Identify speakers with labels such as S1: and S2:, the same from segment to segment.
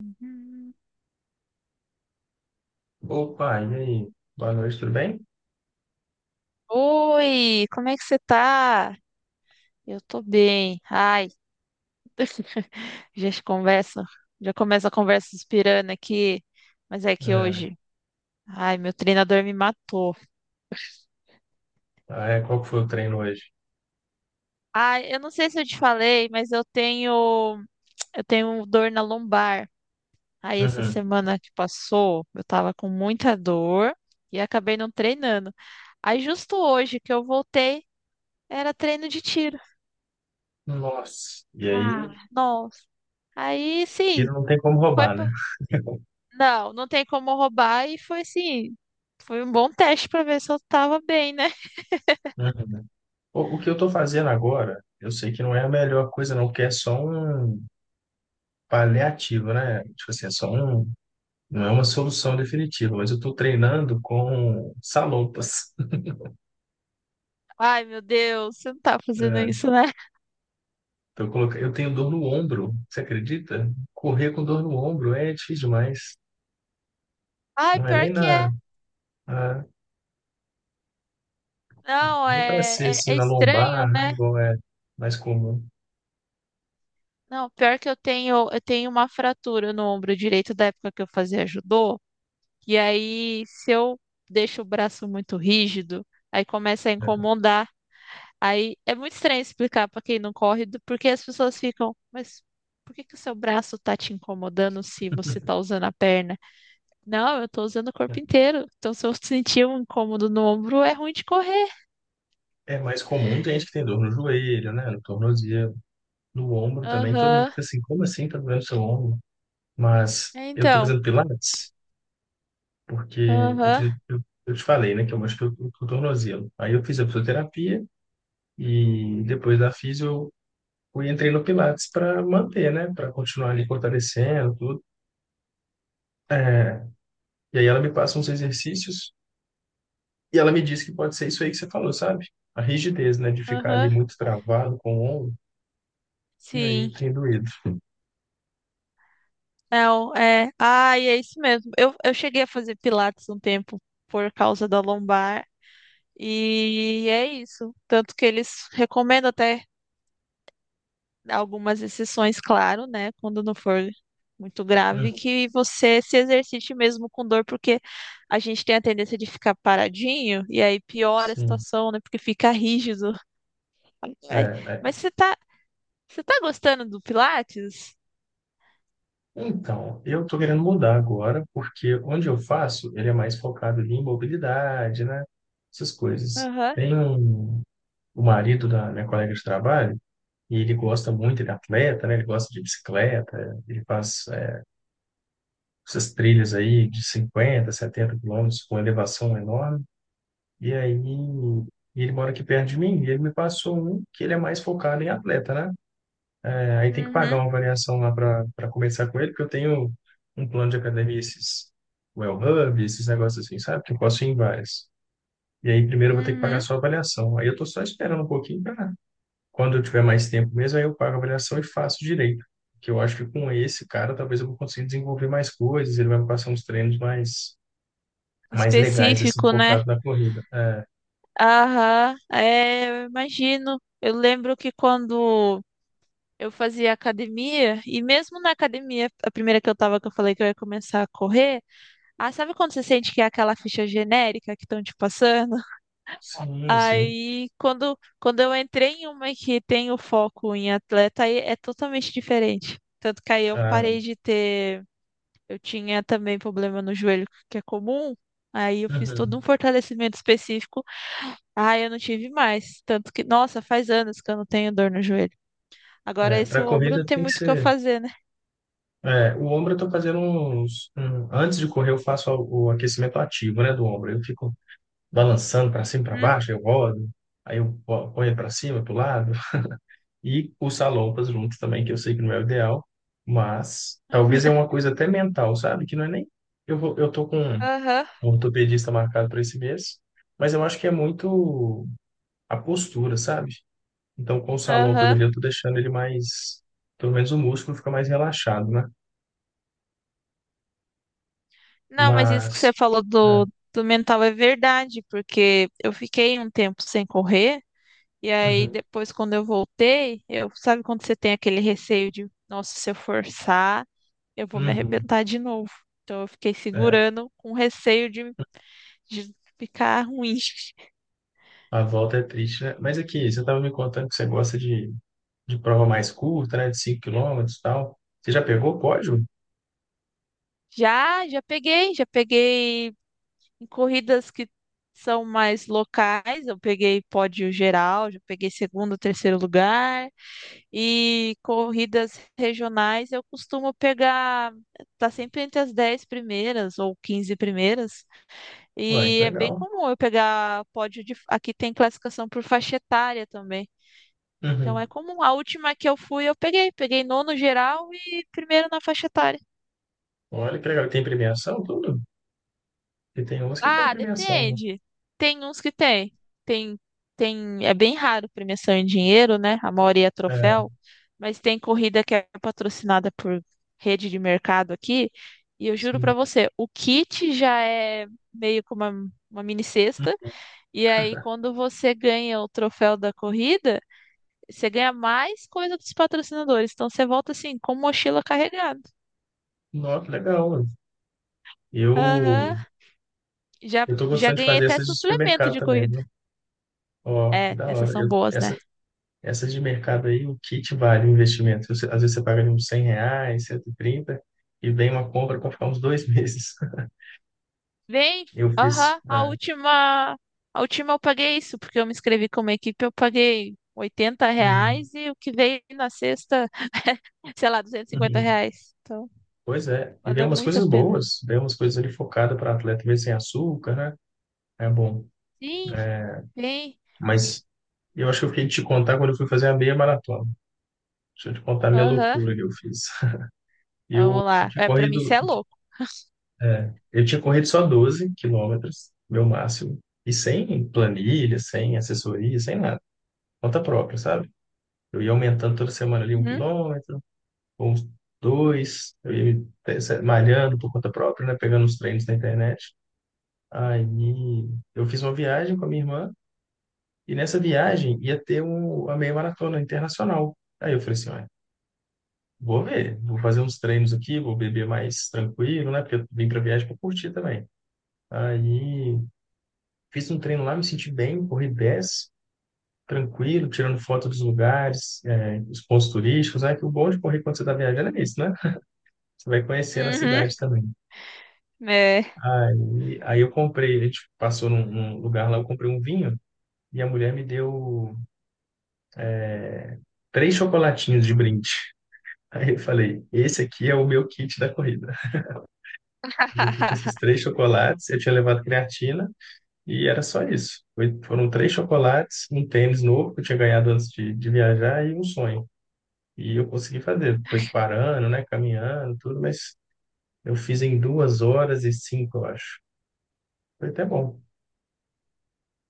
S1: Hum.
S2: Opa, e aí? Boa noite, tudo bem?
S1: Oi, como é que você tá? Eu tô bem. Ai, já se conversa, já começa a conversa inspirando aqui, mas é que
S2: É,
S1: hoje, ai, meu treinador me matou.
S2: qual que foi o treino hoje?
S1: Ai, eu não sei se eu te falei, mas eu tenho dor na lombar. Aí essa
S2: Uhum.
S1: semana que passou, eu tava com muita dor e acabei não treinando. Aí justo hoje que eu voltei, era treino de tiro.
S2: Nossa, e aí,
S1: Ah, nossa. Aí sim,
S2: tiro não tem como
S1: foi.
S2: roubar, né?
S1: Não, não tem como roubar e foi um bom teste pra ver se eu tava bem, né?
S2: Uhum. O que eu tô fazendo agora, eu sei que não é a melhor coisa não, porque é só um paliativo, né? Tipo assim, é só um, não é uma solução definitiva, mas eu tô treinando com salopas.
S1: Ai, meu Deus, você não tá fazendo
S2: É,
S1: isso, né?
S2: tô colocando, eu tenho dor no ombro, você acredita? Correr com dor no ombro é difícil demais.
S1: Ai,
S2: Não é
S1: pior que é.
S2: na,
S1: Não,
S2: Nem para ser
S1: é, é,
S2: assim
S1: é
S2: na
S1: estranho,
S2: lombar, né?
S1: né?
S2: Igual é mais comum,
S1: Não, pior que eu tenho uma fratura no ombro direito da época que eu fazia judô, e aí se eu deixo o braço muito rígido, aí começa a
S2: né?
S1: incomodar. Aí é muito estranho explicar pra quem não corre, porque as pessoas ficam, mas por que que o seu braço tá te incomodando se você tá usando a perna? Não, eu tô usando o corpo inteiro. Então, se eu sentir um incômodo no ombro, é ruim de correr.
S2: É mais comum, tem gente que tem dor no joelho, né? No tornozelo, no ombro também. Todo mundo
S1: Aham.
S2: fica assim, como assim tá doendo seu ombro? Mas
S1: É,
S2: eu tô
S1: então.
S2: fazendo pilates porque eu,
S1: Aham.
S2: fiz- eu, eu te falei, né? Que eu machuquei o tornozelo. Aí eu fiz a fisioterapia e depois da fisio eu entrei no pilates para manter, né? Para continuar ali fortalecendo tudo. É, e aí ela me passa uns exercícios. E ela me disse que pode ser isso aí que você falou, sabe? A rigidez, né? De ficar ali
S1: Aham.
S2: muito travado com o ombro, e aí
S1: Sim.
S2: tem doído.
S1: Não, é. Ai, é isso mesmo. Eu cheguei a fazer pilates um tempo por causa da lombar. E é isso. Tanto que eles recomendam até algumas exceções, claro, né? Quando não for muito grave,
S2: Uhum.
S1: que você se exercite mesmo com dor, porque a gente tem a tendência de ficar paradinho e aí piora a
S2: Sim.
S1: situação, né? Porque fica rígido.
S2: É,
S1: Ai, mas
S2: é.
S1: você tá gostando do Pilates?
S2: Então, eu tô querendo mudar agora, porque onde eu faço, ele é mais focado ali em mobilidade, né? Essas coisas.
S1: Aham.
S2: O marido da minha colega de trabalho, e ele gosta muito, ele é atleta, né? Ele gosta de bicicleta, ele faz, essas trilhas aí de 50, 70 km com elevação enorme. E aí, e ele mora aqui perto de mim, e ele me passou um que ele é mais focado em atleta, né? É, aí tem que pagar
S1: Uhum.
S2: uma avaliação lá para começar com ele, porque eu tenho um plano de academia, esses Well Hub, esses negócios assim, sabe? Que eu posso ir em várias. E aí, primeiro eu vou ter que pagar
S1: Uhum.
S2: só a avaliação. Aí eu tô só esperando um pouquinho para quando eu tiver mais tempo mesmo, aí eu pago a avaliação e faço direito. Que eu acho que com esse cara, talvez eu vou conseguir desenvolver mais coisas, ele vai me passar uns treinos mais legais, assim,
S1: Específico, né?
S2: focado na corrida. É,
S1: Aham. É, eu imagino. Eu lembro que quando eu fazia academia, e mesmo na academia, a primeira que eu tava, que eu falei que eu ia começar a correr. Ah, sabe quando você sente que é aquela ficha genérica que estão te passando?
S2: sim, sim.
S1: Aí, quando eu entrei em uma que tem o foco em atleta, aí é totalmente diferente. Tanto que aí eu
S2: Ah,
S1: parei de ter. Eu tinha também problema no joelho, que é comum. Aí eu fiz todo
S2: uhum.
S1: um fortalecimento específico. Aí eu não tive mais. Tanto que, nossa, faz anos que eu não tenho dor no joelho. Agora
S2: É,
S1: esse
S2: para
S1: ombro não
S2: corrida
S1: tem
S2: tem que
S1: muito o que eu
S2: ser.
S1: fazer, né?
S2: É, o ombro eu tô fazendo antes de correr, eu faço o aquecimento ativo, né, do ombro. Eu fico balançando para cima e para
S1: Uhum.
S2: baixo, eu rodo, aí eu ponho para cima, para o lado. E os salompas juntos também, que eu sei que não é o ideal, mas talvez é uma coisa até mental, sabe? Que não é nem. Eu tô com um
S1: Aham,
S2: ortopedista marcado para esse mês, mas eu acho que é muito a postura, sabe? Então, com os salopas
S1: aham.
S2: ali, eu tô deixando ele mais. Pelo menos o músculo fica mais relaxado, né?
S1: Não, mas isso que você
S2: Mas.
S1: falou
S2: É,
S1: do mental é verdade, porque eu fiquei um tempo sem correr, e aí
S2: uhum,
S1: depois, quando eu voltei, eu sabe quando você tem aquele receio de, nossa, se eu forçar, eu vou me
S2: uhum,
S1: arrebentar de novo. Então eu fiquei
S2: é,
S1: segurando com receio de ficar ruim.
S2: a volta é triste, né? Mas aqui, você estava me contando que você gosta de prova mais curta, né? De 5 km e tal. Você já pegou o pódio?
S1: Já, já peguei em corridas que são mais locais, eu peguei pódio geral, já peguei segundo, terceiro lugar. E corridas regionais eu costumo pegar, tá sempre entre as 10 primeiras ou 15 primeiras.
S2: Uai, que
S1: E é bem
S2: legal.
S1: comum eu pegar pódio de. Aqui tem classificação por faixa etária também. Então é
S2: Uhum.
S1: comum. A última que eu fui, eu peguei. Peguei nono geral e primeiro na faixa etária.
S2: Olha que legal. E tem premiação, tudo? Porque tem umas que tem
S1: Ah,
S2: premiação, né?
S1: depende. Tem uns que tem. Tem, tem, é bem raro premiação em dinheiro, né? A maioria é troféu,
S2: É,
S1: mas tem corrida que é patrocinada por rede de mercado aqui, e eu juro pra
S2: sim.
S1: você, o kit já é meio que uma mini cesta, e aí quando você ganha o troféu da corrida, você ganha mais coisa dos patrocinadores, então você volta assim, com mochila carregada.
S2: Nossa, que legal, mano. Eu,
S1: Aham. Já,
S2: eu tô
S1: já
S2: gostando de
S1: ganhei
S2: fazer
S1: até
S2: essas de
S1: suplemento
S2: supermercado
S1: de
S2: também,
S1: corrida.
S2: viu? Ó, que
S1: É,
S2: da
S1: essas
S2: hora.
S1: são
S2: Eu,
S1: boas, né?
S2: essas Essas de mercado aí, o que que vale o investimento? Você- Às vezes você paga ali uns R$ 100, 130 e vem uma compra para ficar uns dois meses.
S1: Vem,
S2: Eu fiz.
S1: aham, a
S2: É.
S1: última, a última eu paguei isso, porque eu me inscrevi como equipe, eu paguei oitenta
S2: Uhum,
S1: reais e o que veio na sexta, sei lá, duzentos e cinquenta
S2: uhum.
S1: reais. Então,
S2: Pois é. E vem
S1: valeu
S2: umas
S1: muito a
S2: coisas
S1: pena.
S2: boas, vem umas coisas ali focadas para atleta, mesmo sem açúcar, né? É bom.
S1: Sim, vem,
S2: Mas eu acho que eu fiquei de te contar quando eu fui fazer a meia maratona. Deixa eu te contar a minha
S1: aham,
S2: loucura que eu fiz. Eu,
S1: vamos lá.
S2: tinha
S1: É, pra mim isso
S2: corrido,
S1: é
S2: eu ti-
S1: louco.
S2: eu tinha corrido só 12 km, meu máximo. E sem planilha, sem assessoria, sem nada. Conta própria, sabe? Eu ia aumentando toda semana ali um
S1: Uhum,
S2: quilômetro, ou uns dois, eu ia me te- se- malhando por conta própria, né? Pegando os treinos na internet. Aí eu fiz uma viagem com a minha irmã, e nessa viagem ia ter a meia maratona internacional. Aí eu falei assim, olha, vou ver, vou fazer uns treinos aqui, vou beber mais tranquilo, né? Porque eu vim pra viagem para curtir também. Aí fiz um treino lá, me senti bem, corri 10, tranquilo, tirando foto dos lugares, os pontos turísticos, né? Que o bom de correr quando você está viajando é isso, né? Você vai conhecendo a
S1: uhum,
S2: cidade também.
S1: é.
S2: Aí eu comprei, a gente passou num lugar lá, eu comprei um vinho e a mulher me deu três chocolatinhos de brinde. Aí eu falei, esse aqui é o meu kit da corrida. Eu fui com esses três chocolates, eu tinha levado creatina e era só isso. Foram três chocolates, um tênis novo que eu tinha ganhado antes de viajar e um sonho. E eu consegui fazer. Foi parando, né? Caminhando, tudo, mas eu fiz em 2h05, eu acho. Foi até bom.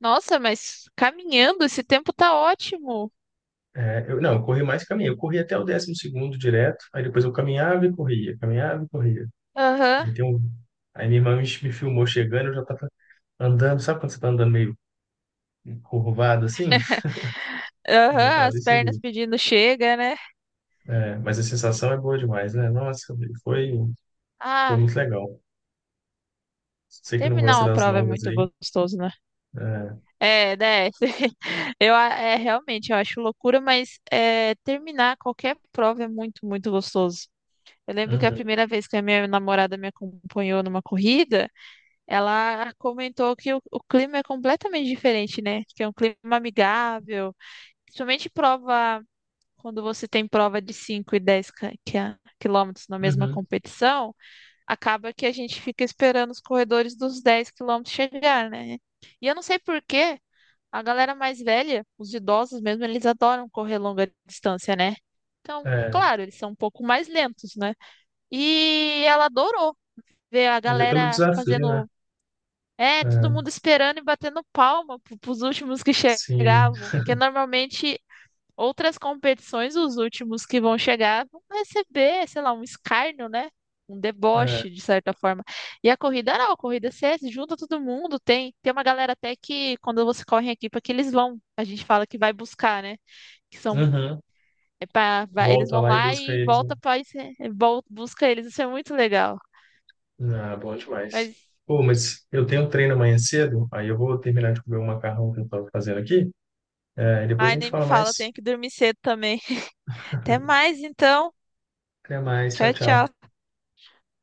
S1: Nossa, mas caminhando, esse tempo tá ótimo.
S2: É, eu, não, eu corri mais caminho. Eu corri até o décimo segundo direto, aí depois eu caminhava e corria, caminhava e corria.
S1: Aham,
S2: Aí tem um. Aí minha irmã me filmou chegando, eu já tava andando, sabe quando você tá andando meio curvado assim? Eu já
S1: aham,
S2: tava
S1: as
S2: desse
S1: pernas
S2: jeito.
S1: pedindo chega, né?
S2: É, mas a sensação é boa demais, né? Nossa, foi, foi
S1: Ah,
S2: muito legal. Sei que não
S1: terminar
S2: gosta
S1: uma
S2: das
S1: prova é
S2: longas
S1: muito
S2: aí.
S1: gostoso, né?
S2: É,
S1: É, né? É, realmente, eu acho loucura, mas é, terminar qualquer prova é muito, muito gostoso. Eu lembro que a
S2: uhum,
S1: primeira vez que a minha namorada me acompanhou numa corrida, ela comentou que o clima é completamente diferente, né? Que é um clima amigável, principalmente prova, quando você tem prova de 5 e 10 quilômetros na mesma
S2: uhum,
S1: competição, acaba que a gente fica esperando os corredores dos 10 quilômetros chegar, né? E eu não sei porquê. A galera mais velha, os idosos mesmo, eles adoram correr longa distância, né? Então,
S2: é,
S1: claro, eles são um pouco mais lentos, né? E ela adorou ver a
S2: mas é pelo
S1: galera
S2: desafio, né?
S1: fazendo. É, todo
S2: É,
S1: mundo esperando e batendo palma pros últimos que
S2: sim.
S1: chegavam. Porque normalmente outras competições, os últimos que vão chegar, vão receber, sei lá, um escárnio, né? Um
S2: É.
S1: deboche, de certa forma. E a corrida não, a corrida você junta todo mundo, tem uma galera até que quando você corre em equipa que eles vão, a gente fala que vai buscar, né? Que são,
S2: Uhum.
S1: é pra, eles
S2: Volta
S1: vão
S2: lá e
S1: lá
S2: busca
S1: e
S2: eles, né?
S1: volta para busca eles, isso é muito legal.
S2: Ah, bom demais.
S1: Mas,
S2: Pô, mas eu tenho um treino amanhã cedo, aí eu vou terminar de comer o macarrão que eu tava fazendo aqui. É, e depois a
S1: ai,
S2: gente
S1: nem me
S2: fala
S1: fala, eu
S2: mais.
S1: tenho que dormir cedo também. Até mais, então.
S2: Até mais. Tchau,
S1: Tchau,
S2: tchau.
S1: tchau.